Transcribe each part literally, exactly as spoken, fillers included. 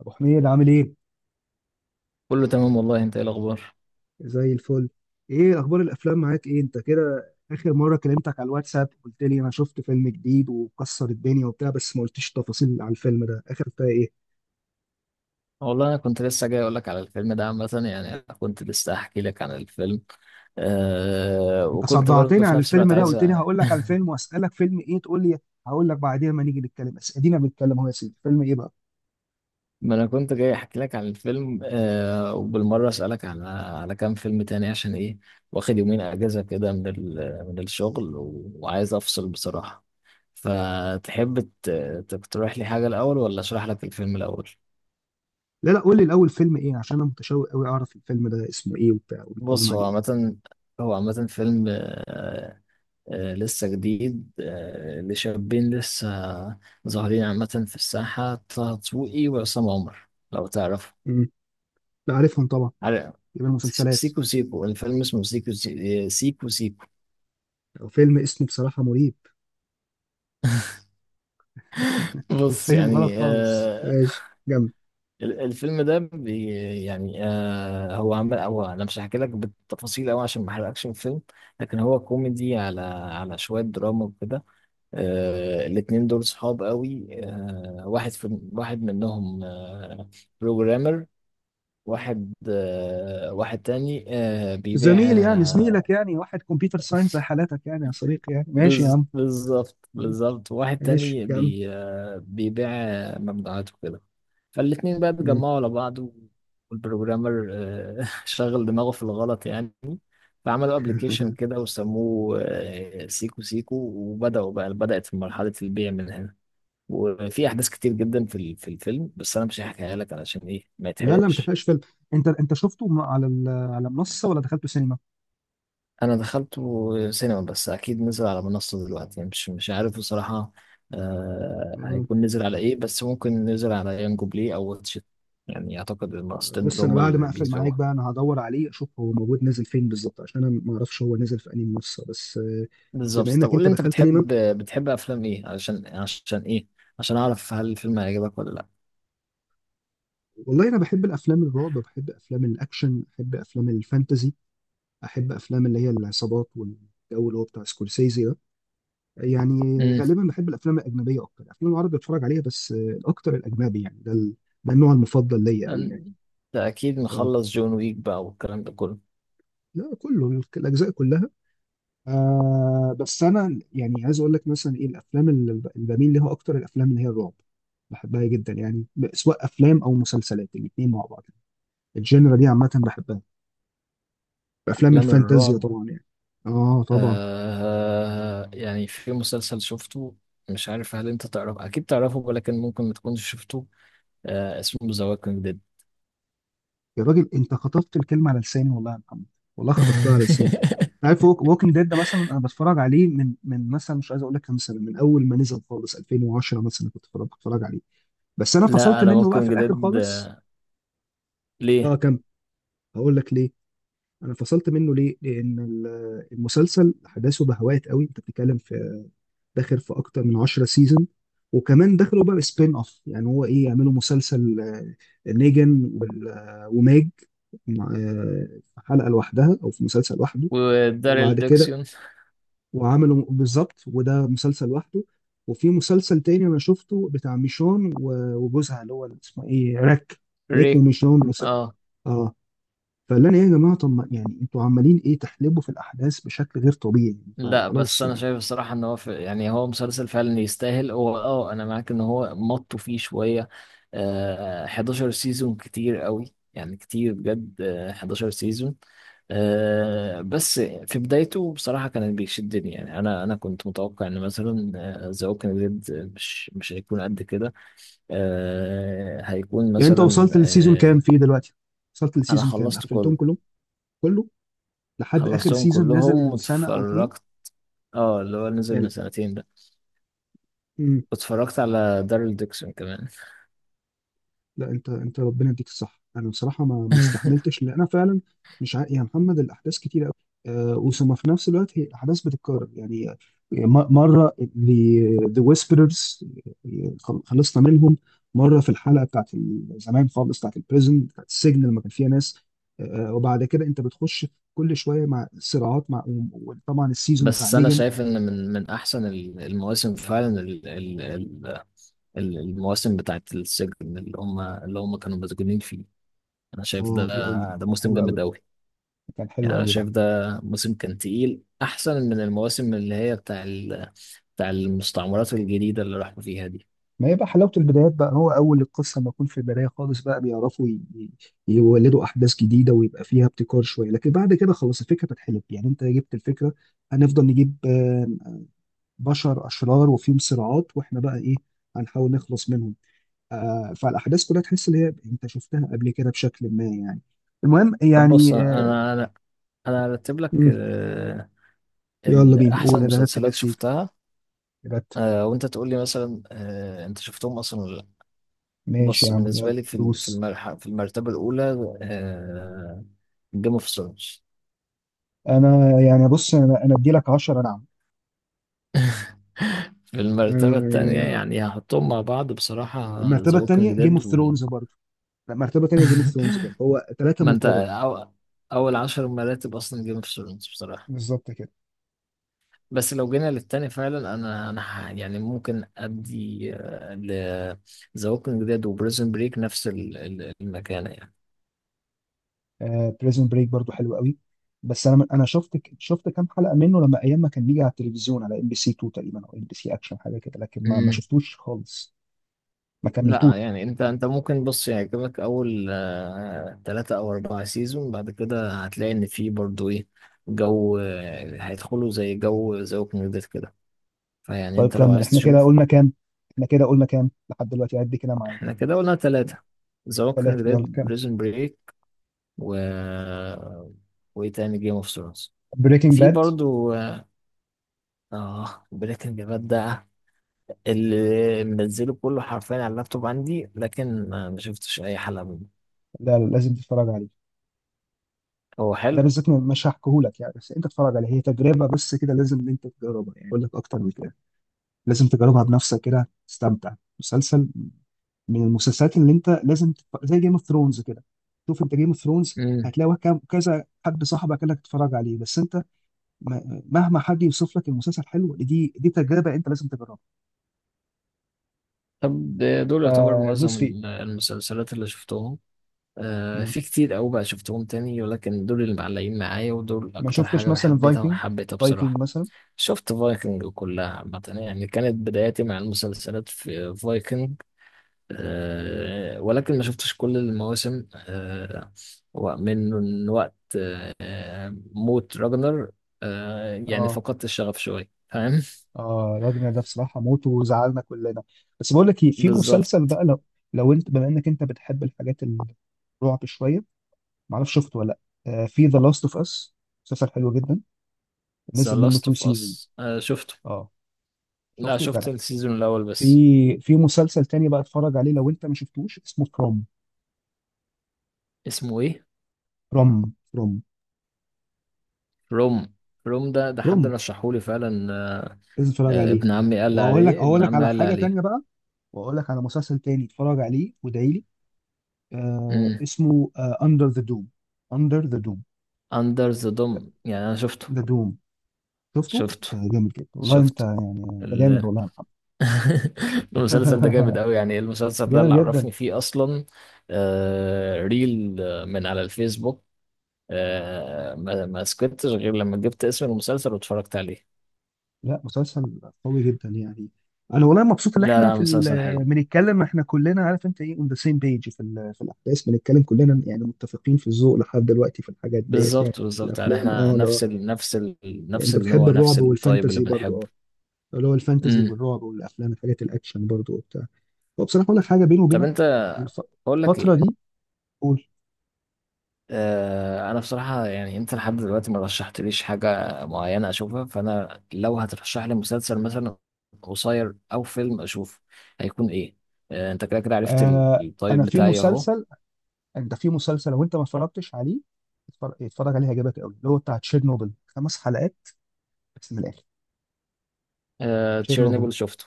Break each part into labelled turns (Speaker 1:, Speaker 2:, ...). Speaker 1: ابو حميد عامل ايه؟
Speaker 2: كله تمام والله، انت ايه الاخبار؟
Speaker 1: زي الفل. ايه اخبار الافلام معاك؟ ايه انت كده اخر مره كلمتك على الواتساب قلت لي انا شفت فيلم جديد وكسر الدنيا وبتاع، بس ما قلتيش تفاصيل على الفيلم ده، اخر فيها ايه؟
Speaker 2: والله انا كنت لسه جاي اقول لك على الفيلم ده عامه، يعني انا كنت لسه احكي لك عن الفيلم. أه
Speaker 1: انت
Speaker 2: وكنت برضه
Speaker 1: صدعتني
Speaker 2: في
Speaker 1: عن
Speaker 2: نفس الوقت
Speaker 1: الفيلم ده،
Speaker 2: عايز
Speaker 1: قلت لي
Speaker 2: أ-
Speaker 1: هقول لك على الفيلم واسالك فيلم ايه تقول لي هقول لك بعدين ما نيجي نتكلم، بس ادينا بنتكلم اهو يا سيدي. فيلم ايه بقى؟
Speaker 2: ما انا كنت جاي احكي لك عن الفيلم، أه وبالمره اسالك على على كام فيلم تاني عشان ايه. واخد يومين اجازه كده من ال... من الشغل و... وعايز افصل بصراحه. فتحب ت... تقترح لي حاجه الاول ولا اشرح لك الفيلم الاول؟
Speaker 1: لا لا، قول لي الاول فيلم ايه، عشان انا متشوق قوي اعرف الفيلم ده اسمه ايه وبتاع وبيتكلم
Speaker 2: بص،
Speaker 1: عن
Speaker 2: هو
Speaker 1: ايه.
Speaker 2: عامة هو عامة فيلم، آه، آه، لسه جديد، آه، لشابين لسه ظاهرين عامة في الساحة، طه دسوقي وعصام عمر، لو تعرفوا.
Speaker 1: امم. لا عارفهم طبعا.
Speaker 2: عارف،
Speaker 1: يبقى المسلسلات.
Speaker 2: سيكو سيكو. الفيلم اسمه سيكو سي- آه، سيكو سيكو.
Speaker 1: او فيلم اسمه بصراحه مريب.
Speaker 2: بص
Speaker 1: بيتفهم غلط
Speaker 2: يعني،
Speaker 1: خالص
Speaker 2: آه،
Speaker 1: ماشي جنب.
Speaker 2: ال- الفيلم ده بي يعني، آه، هو عمل هو انا مش هحكي لك بالتفاصيل قوي عشان ما احرقكش الفيلم، لكن هو كوميدي على على شوية دراما وكده. آه، الاتنين دول صحاب قوي، آه، واحد في واحد منهم آه، بروجرامر. واحد آه، واحد تاني آه، بيبيع
Speaker 1: زميل يعني،
Speaker 2: آه،
Speaker 1: زميلك يعني، واحد كمبيوتر ساينس زي حالاتك يعني، يا صديقي يعني، ماشي يا
Speaker 2: بز-
Speaker 1: عم.
Speaker 2: بالظبط بالظبط. واحد
Speaker 1: ماشي
Speaker 2: تاني
Speaker 1: يا عم.
Speaker 2: بي آه، بيبيع آه، ممنوعات وكده. فالاتنين بقى اتجمعوا على بعض، والبروجرامر آه، شغل دماغه في الغلط يعني. فعملوا ابلكيشن كده وسموه آه، سيكو سيكو، وبدأوا بقى بدأت في مرحلة البيع من هنا. وفي أحداث كتير جدا في ال- في الفيلم، بس أنا مش هحكيها لك علشان إيه ما
Speaker 1: لا لا، ما
Speaker 2: يتحرقش.
Speaker 1: تحرقش فيلم. انت انت شفته م- على ال- على منصه ولا دخلته سينما؟
Speaker 2: انا دخلته سينما، بس اكيد نزل على منصة دلوقتي، يعني مش مش عارف بصراحة. آه،
Speaker 1: آه.
Speaker 2: هيكون نزل على ايه، بس ممكن نزل على يانجو بلاي او واتش إت. يعني اعتقد المنصتين دول
Speaker 1: بص انا
Speaker 2: هما
Speaker 1: بعد ما
Speaker 2: اللي
Speaker 1: اقفل معاك
Speaker 2: بيسبقوها.
Speaker 1: بقى انا هدور عليه اشوف هو موجود نازل فين بالظبط، عشان انا ما اعرفش هو نازل في انهي منصه، بس آه،
Speaker 2: بالظبط.
Speaker 1: بما
Speaker 2: طب
Speaker 1: انك
Speaker 2: قول لي،
Speaker 1: انت
Speaker 2: انت
Speaker 1: دخلت سينما.
Speaker 2: بتحب بتحب افلام ايه؟ علشان عشان ايه؟ عشان اعرف هل الفيلم هيعجبك ولا لا.
Speaker 1: والله انا بحب الافلام الرعب، بحب افلام الاكشن، بحب افلام الفانتازي، احب افلام اللي هي العصابات والجو اللي هو بتاع سكورسيزي ده. يعني
Speaker 2: امم.
Speaker 1: غالبا بحب الافلام الاجنبيه اكتر، الافلام العربي بتفرج عليها بس، آه، الاكتر الاجنبي يعني، ده ال- ده النوع المفضل ليا قوي يعني.
Speaker 2: انت اكيد
Speaker 1: اه.
Speaker 2: مخلص جون ويك بقى والكلام ده كله.
Speaker 1: لا كله ال- الاجزاء كلها. آه بس انا يعني عايز اقول لك مثلا ايه الافلام اللي ب- اللي بميل ليها اكتر، الافلام اللي هي الرعب بحبها جدا يعني، ب- سواء افلام او مسلسلات الاثنين مع بعض، الجينرا دي عامه بحبها. افلام
Speaker 2: افلام
Speaker 1: الفانتازيا
Speaker 2: الرعب.
Speaker 1: طبعا يعني. اه طبعا.
Speaker 2: آه يعني في مسلسل شفته، مش عارف هل انت تعرف، اكيد تعرفه ولكن ممكن ما تكونش شفته، آه اسمه ذا ووكينج ديد.
Speaker 1: يا راجل انت خطفت الكلمه على لساني والله يا محمد. والله خطفتها على لساني. عارف ووكينج ديد ده مثلا انا بتفرج عليه من من مثلا، مش عايز اقول لك كام سنه، من اول ما نزل خالص ألفين وعشرة مثلا كنت بتفرج بتفرج عليه، بس انا
Speaker 2: لا،
Speaker 1: فصلت
Speaker 2: انا
Speaker 1: منه بقى في
Speaker 2: ووكينج
Speaker 1: الاخر
Speaker 2: ديد.
Speaker 1: خالص. اه
Speaker 2: ليه؟
Speaker 1: كم. هقول لك ليه. انا فصلت منه ليه؟ لان ال- المسلسل احداثه بهوات قوي، انت بتتكلم في داخل في اكتر من عشرة سيزون، وكمان دخلوا بقى سبين اوف، يعني هو ايه، يعملوا مسلسل نيجن وال- وماج مع- في حلقه لوحدها او في مسلسل لوحده،
Speaker 2: وداريل
Speaker 1: وبعد كده
Speaker 2: ديكسيون.
Speaker 1: وعملوا بالظبط وده مسلسل لوحده. وفي مسلسل تاني انا شفته بتاع ميشون و- وجوزها اللي هو اسمه ايه، ريك. ريك
Speaker 2: ريك.
Speaker 1: وميشون وس-
Speaker 2: اه.
Speaker 1: اه. فقال لنا ايه يا جماعه، طب ما- يعني انتوا عمالين ايه تحلبوا في الاحداث بشكل غير طبيعي؟
Speaker 2: لا بس
Speaker 1: فخلاص
Speaker 2: انا
Speaker 1: يعني.
Speaker 2: شايف الصراحه ان هو في يعني هو مسلسل فعلا يستاهل. هو اه انا معاك ان هو مطوا فيه شويه. آه، حداشر سيزون كتير قوي، يعني كتير بجد. آه حداشر سيزون. آه بس في بدايته بصراحه كان بيشدني، يعني انا انا كنت متوقع ان مثلا ذا ووكينج ديد مش مش هيكون قد كده. آه هيكون
Speaker 1: يعني انت
Speaker 2: مثلا
Speaker 1: وصلت للسيزون كام
Speaker 2: آه
Speaker 1: فيه دلوقتي؟ وصلت
Speaker 2: انا
Speaker 1: للسيزون كام؟
Speaker 2: خلصت
Speaker 1: قفلتهم
Speaker 2: كله،
Speaker 1: كلهم؟ كله؟ لحد اخر
Speaker 2: خلصتهم
Speaker 1: سيزون نزل
Speaker 2: كلهم
Speaker 1: من سنه او اتنين؟
Speaker 2: واتفرجت. اه، اللي هو نزل من
Speaker 1: يعني.
Speaker 2: سنتين ده.
Speaker 1: لا.
Speaker 2: اتفرجت على دارل ديكسون كمان.
Speaker 1: لا انت انت ربنا يديك الصح، انا بصراحه ما ما استحملتش، لان انا فعلا مش عا... يا محمد الاحداث كتيره قوي. أه وثم في نفس الوقت هي احداث بتتكرر يعني، آه، م- مره ذا ويسبررز خلصنا منهم، مره في الحلقه بتاعت ال- زمان خالص، بتاعت البريزن بتاعت السجن لما كان فيها ناس. أه وبعد كده انت بتخش كل شويه مع صراعات مع، وطبعا السيزون بتاع
Speaker 2: بس انا
Speaker 1: نيجن.
Speaker 2: شايف ان من من احسن ال- المواسم فعلا، ال- ال- ال- ال- المواسم بتاعت السجن، اللي هم اللي هم كانوا مسجونين فيه. انا شايف ده،
Speaker 1: اه حلو أوي.
Speaker 2: ده
Speaker 1: كان
Speaker 2: موسم
Speaker 1: حلو قوي
Speaker 2: جامد
Speaker 1: ده.
Speaker 2: قوي.
Speaker 1: كان حلو
Speaker 2: يعني انا
Speaker 1: قوي ده.
Speaker 2: شايف ده موسم كان تقيل، احسن من المواسم اللي هي بتاع ال- بتاع المستعمرات الجديده اللي راحوا فيها دي.
Speaker 1: ما هي بقى حلاوة البدايات بقى، هو أول القصة ما يكون في البداية خالص بقى بيعرفوا ي- ي- يولدوا أحداث جديدة ويبقى فيها ابتكار شوية، لكن بعد كده خلاص الفكرة بتتحلب، يعني أنت جبت الفكرة هنفضل نجيب آه، بشر أشرار وفيهم صراعات، وإحنا بقى إيه، هنحاول نخلص منهم. آه، فالأحداث كلها تحس إن هي أنت شفتها قبل كده بشكل ما يعني. المهم
Speaker 2: طب بص،
Speaker 1: يعني. آه،
Speaker 2: انا انا انا هرتب لك
Speaker 1: مم،
Speaker 2: آه،
Speaker 1: يلا
Speaker 2: ال-
Speaker 1: بينا،
Speaker 2: احسن
Speaker 1: قول، أنا رتب يا
Speaker 2: مسلسلات
Speaker 1: سيدي.
Speaker 2: شفتها،
Speaker 1: رتب.
Speaker 2: آه، وانت تقول لي مثلا آه، انت شفتهم اصلا ولا.
Speaker 1: ماشي
Speaker 2: بص
Speaker 1: يا عم
Speaker 2: بالنسبة
Speaker 1: يلا
Speaker 2: لي في ال- في
Speaker 1: دوس.
Speaker 2: المرحلة في المرتبة الأولى، آه، جيم اوف ثرونز.
Speaker 1: أنا يعني بص، أنا أنا أدي لك عشرة نعم.
Speaker 2: في المرتبة
Speaker 1: آه،
Speaker 2: التانية
Speaker 1: يعني
Speaker 2: يعني هحطهم مع بعض بصراحة، ذا
Speaker 1: المرتبه
Speaker 2: ووكينج
Speaker 1: الثانيه جيم
Speaker 2: ديد
Speaker 1: اوف
Speaker 2: و...
Speaker 1: ثرونز برضه. لا، مرتبه الثانيه جيم اوف ثرونز برضه، هو ثلاثه
Speaker 2: ما انت
Speaker 1: مكرر.
Speaker 2: أو... أول عشر مراتب أصلا جيم اوف ثرونز بصراحة.
Speaker 1: بالظبط كده.
Speaker 2: بس لو جينا للتاني فعلا، أنا أنا ح- يعني ممكن أدي آه، ل ذا ووكينج ديد وبريزن بريك نفس ال- ال- المكانة
Speaker 1: آه بريزون بريك برضه حلو قوي، بس انا انا شفت شفت كام حلقه منه لما ايام ما كان بيجي على التلفزيون على ام بي سي اتنين تقريبا او ام بي سي اكشن حاجه كده، لكن ما ما
Speaker 2: يعني.
Speaker 1: شفتوش خالص. ما
Speaker 2: لا،
Speaker 1: كملتوش.
Speaker 2: يعني انت انت ممكن بص يعجبك اول آه، تلاتة او اربعة سيزون، بعد كده هتلاقي ان في برضو ايه، جو آه، هيدخلوا زي جو ذا ووكينج ديد كده، فيعني
Speaker 1: طيب
Speaker 2: انت لو
Speaker 1: كمل.
Speaker 2: عايز
Speaker 1: احنا كده
Speaker 2: تشوف.
Speaker 1: قلنا كام؟ احنا كده قلنا كام لحد دلوقتي؟ عد كده معايا.
Speaker 2: احنا كده قلنا تلاتة، ذا ووكينج
Speaker 1: ثلاثه.
Speaker 2: ديد،
Speaker 1: يلا كام؟
Speaker 2: بريزون بريك، و، وايه تاني؟ جيم اوف ثرونز.
Speaker 1: بريكنج
Speaker 2: في
Speaker 1: باد.
Speaker 2: برضو اه بريكنج باد ده، اللي منزله كله حرفيا على اللابتوب عندي، لكن آه، ما شفتش اي حلقة منه.
Speaker 1: لا لا، لازم تتفرج عليه.
Speaker 2: هو
Speaker 1: ده
Speaker 2: حلو.
Speaker 1: بالذات مش هحكيهولك يعني، بس انت اتفرج عليه، هي تجربه بس كده لازم ان انت تجربها، يعني اقول لك اكتر من كده؟ لازم تجربها بنفسك كده تستمتع. مسلسل من المسلسلات اللي انت لازم تتف... زي جيم اوف ثرونز كده. شوف انت جيم اوف ثرونز
Speaker 2: مم.
Speaker 1: هتلاقي وكم- كذا حد صاحبك قال لك تتفرج عليه، بس انت م- مهما حد يوصف لك المسلسل حلو، دي دي تجربه انت لازم تجربها.
Speaker 2: طب ده- دول يعتبر معظم
Speaker 1: فدوس فيه.
Speaker 2: ال- المسلسلات اللي شفتهم. آه
Speaker 1: مم.
Speaker 2: في كتير أوي بقى شفتهم تاني، ولكن دول اللي معلقين معايا، ودول
Speaker 1: ما
Speaker 2: أكتر
Speaker 1: شفتش
Speaker 2: حاجة
Speaker 1: مثلا
Speaker 2: بحبيتها
Speaker 1: فايكنج؟
Speaker 2: وحبيتها
Speaker 1: فايكنج
Speaker 2: بصراحة.
Speaker 1: مثلا.
Speaker 2: شفت فايكنج كلها عامة، يعني كانت بداياتي مع المسلسلات في فايكنج، آه ولكن ما شفتش كل المواسم. آه ومن وقت آه موت راجنر، آه يعني
Speaker 1: اه.
Speaker 2: فقدت الشغف شوية، فاهم.
Speaker 1: اه راجل ده بصراحه موته وزعلنا كلنا. بس بقول لك ايه، في مسلسل
Speaker 2: بالظبط.
Speaker 1: بقى لو، لو انت بما انك انت بتحب الحاجات الرعب شويه، ما اعرفش شفته ولا لا، آه، في ذا لاست اوف اس، مسلسل حلو جدا،
Speaker 2: ذا
Speaker 1: نزل منه
Speaker 2: لاست
Speaker 1: تو
Speaker 2: اوف
Speaker 1: سيزون.
Speaker 2: اس شفته.
Speaker 1: اه
Speaker 2: لا،
Speaker 1: شفته جدع.
Speaker 2: شفت السيزون الاول
Speaker 1: في
Speaker 2: بس.
Speaker 1: في مسلسل تاني بقى اتفرج عليه لو انت ما شفتوش، اسمه فروم.
Speaker 2: اسمه ايه؟
Speaker 1: فروم. فروم
Speaker 2: روم. روم ده ده حد
Speaker 1: فروم.
Speaker 2: رشحهولي فعلا، آه،
Speaker 1: لازم تتفرج
Speaker 2: آه،
Speaker 1: عليه.
Speaker 2: ابن عمي قال لي
Speaker 1: واقول لك
Speaker 2: عليه، ابن
Speaker 1: اقول لك
Speaker 2: عمي
Speaker 1: على
Speaker 2: قال لي
Speaker 1: حاجه
Speaker 2: عليه.
Speaker 1: تانيه بقى، واقول لك على مسلسل تاني اتفرج عليه وادعي لي. آه
Speaker 2: امم.
Speaker 1: اسمه اندر ذا دوم. اندر ذا دوم.
Speaker 2: اندر ذا دوم، يعني انا شفته،
Speaker 1: ذا دوم. شفته.
Speaker 2: شفته،
Speaker 1: ده جامد جدا والله. انت
Speaker 2: شفته
Speaker 1: انت جامد
Speaker 2: ال...
Speaker 1: والله يا محمد.
Speaker 2: المسلسل ده جامد قوي يعني، إيه المسلسل ده اللي
Speaker 1: جامد جدا.
Speaker 2: عرفني فيه اصلا؟ آه، ريل، آه، من على الفيسبوك. آه، ما ما سكتش غير لما جبت اسم المسلسل واتفرجت عليه.
Speaker 1: لا مسلسل قوي جدا يعني. انا والله مبسوط ان
Speaker 2: لا
Speaker 1: احنا
Speaker 2: لا،
Speaker 1: في
Speaker 2: مسلسل حلو.
Speaker 1: ال- بنتكلم، احنا كلنا عارف انت ايه، اون ذا سيم بيج في ال- في الاحداث بنتكلم كلنا يعني، متفقين في الذوق لحد دلوقتي في الحاجات ديت يعني.
Speaker 2: بالظبط
Speaker 1: في
Speaker 2: بالظبط، يعني
Speaker 1: الافلام
Speaker 2: احنا
Speaker 1: اه
Speaker 2: نفس
Speaker 1: لا.
Speaker 2: ال... نفس ال... نفس
Speaker 1: انت بتحب
Speaker 2: النوع، نفس
Speaker 1: الرعب
Speaker 2: الطيب اللي
Speaker 1: والفانتزي برضو
Speaker 2: بنحبه.
Speaker 1: اه، اللي هو الفانتزي
Speaker 2: امم.
Speaker 1: والرعب والافلام الحاجات الاكشن برضو وبتاع. وبصراحه اقول لك حاجه بيني
Speaker 2: طب
Speaker 1: وبينك.
Speaker 2: انت،
Speaker 1: الف-
Speaker 2: اقول لك
Speaker 1: الفتره
Speaker 2: ايه،
Speaker 1: دي. قول.
Speaker 2: اه انا بصراحه، يعني انت لحد دلوقتي ما رشحتليش حاجه معينه اشوفها، فانا لو هترشح لي مسلسل مثلا قصير او فيلم اشوفه، هيكون ايه؟ اه، انت كده كده عرفت ال-
Speaker 1: آه
Speaker 2: الطيب
Speaker 1: انا في
Speaker 2: بتاعي اهو.
Speaker 1: مسلسل، انت في مسلسل لو انت ما اتفرجتش عليه اتفرج اتفرج عليه هيعجبك قوي، اللي هو بتاع تشيرنوبل، خمس حلقات بس من الاخر.
Speaker 2: اه تشيرنوبل
Speaker 1: تشيرنوبل
Speaker 2: شفته.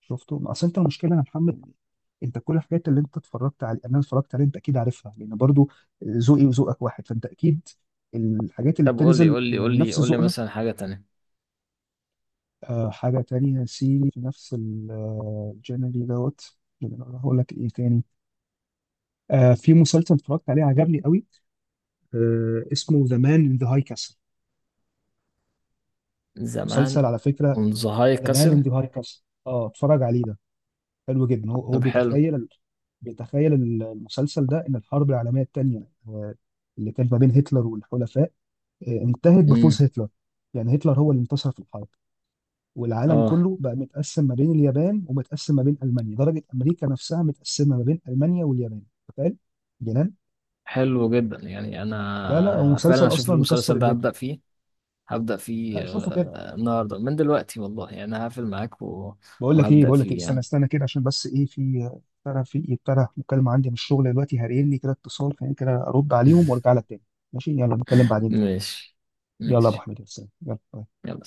Speaker 1: شفته؟ اصل انت المشكله يا محمد، انت كل الحاجات اللي انت اتفرجت على انا اتفرجت عليها، انت اكيد عارفها لان برضو ذوقي وذوقك واحد، فانت اكيد الحاجات اللي
Speaker 2: طب قول لي
Speaker 1: بتنزل
Speaker 2: قول لي قول
Speaker 1: من
Speaker 2: لي
Speaker 1: نفس
Speaker 2: قول لي
Speaker 1: ذوقنا.
Speaker 2: مثلا حاجه تانية.
Speaker 1: آه حاجه تانية سي في نفس الجنري دوت. هقول لك ايه تاني. آه في مسلسل اتفرجت عليه عجبني قوي، آه اسمه ذا مان ان ذا هاي كاسل.
Speaker 2: زمان.
Speaker 1: مسلسل على فكره.
Speaker 2: اون ذا هاي
Speaker 1: ذا مان
Speaker 2: كاسل.
Speaker 1: ان ذا هاي كاسل، اه اتفرج عليه ده، حلو جدا. هو هو
Speaker 2: طب حلو.
Speaker 1: بيتخيل، بيتخيل المسلسل ده ان الحرب العالميه الثانيه اللي كانت ما بين هتلر والحلفاء، آه، انتهت
Speaker 2: امم.
Speaker 1: بفوز هتلر. يعني هتلر هو اللي انتصر في الحرب، والعالم
Speaker 2: اه
Speaker 1: كله بقى متقسم ما بين اليابان ومتقسم ما بين المانيا، درجه امريكا نفسها متقسمه ما بين المانيا واليابان. تخيل. جنان.
Speaker 2: حلو جدا، يعني
Speaker 1: لا لا هو
Speaker 2: انا فعلا
Speaker 1: مسلسل
Speaker 2: اشوف
Speaker 1: اصلا مكسر
Speaker 2: المسلسل ده،
Speaker 1: الدنيا.
Speaker 2: هبدأ فيه، هبدأ فيه
Speaker 1: لا شوفوا كده.
Speaker 2: آه، النهارده من دلوقتي والله، يعني هقفل معاك و-
Speaker 1: بقول لك ايه،
Speaker 2: وهبدأ
Speaker 1: بقول لك إيه؟
Speaker 2: فيه
Speaker 1: استنى
Speaker 2: يعني.
Speaker 1: استنى كده عشان بس ايه في، ترى في ابتدى مكالمه عندي من الشغل دلوقتي، هاريني كده اتصال، خليني كده ارد عليهم وارجع لك تاني. ماشي يلا نتكلم بعدين بقى.
Speaker 2: ماشي.
Speaker 1: يلا يا ابو
Speaker 2: ماشي
Speaker 1: حميد، يا سلام، يلا باي.
Speaker 2: يلا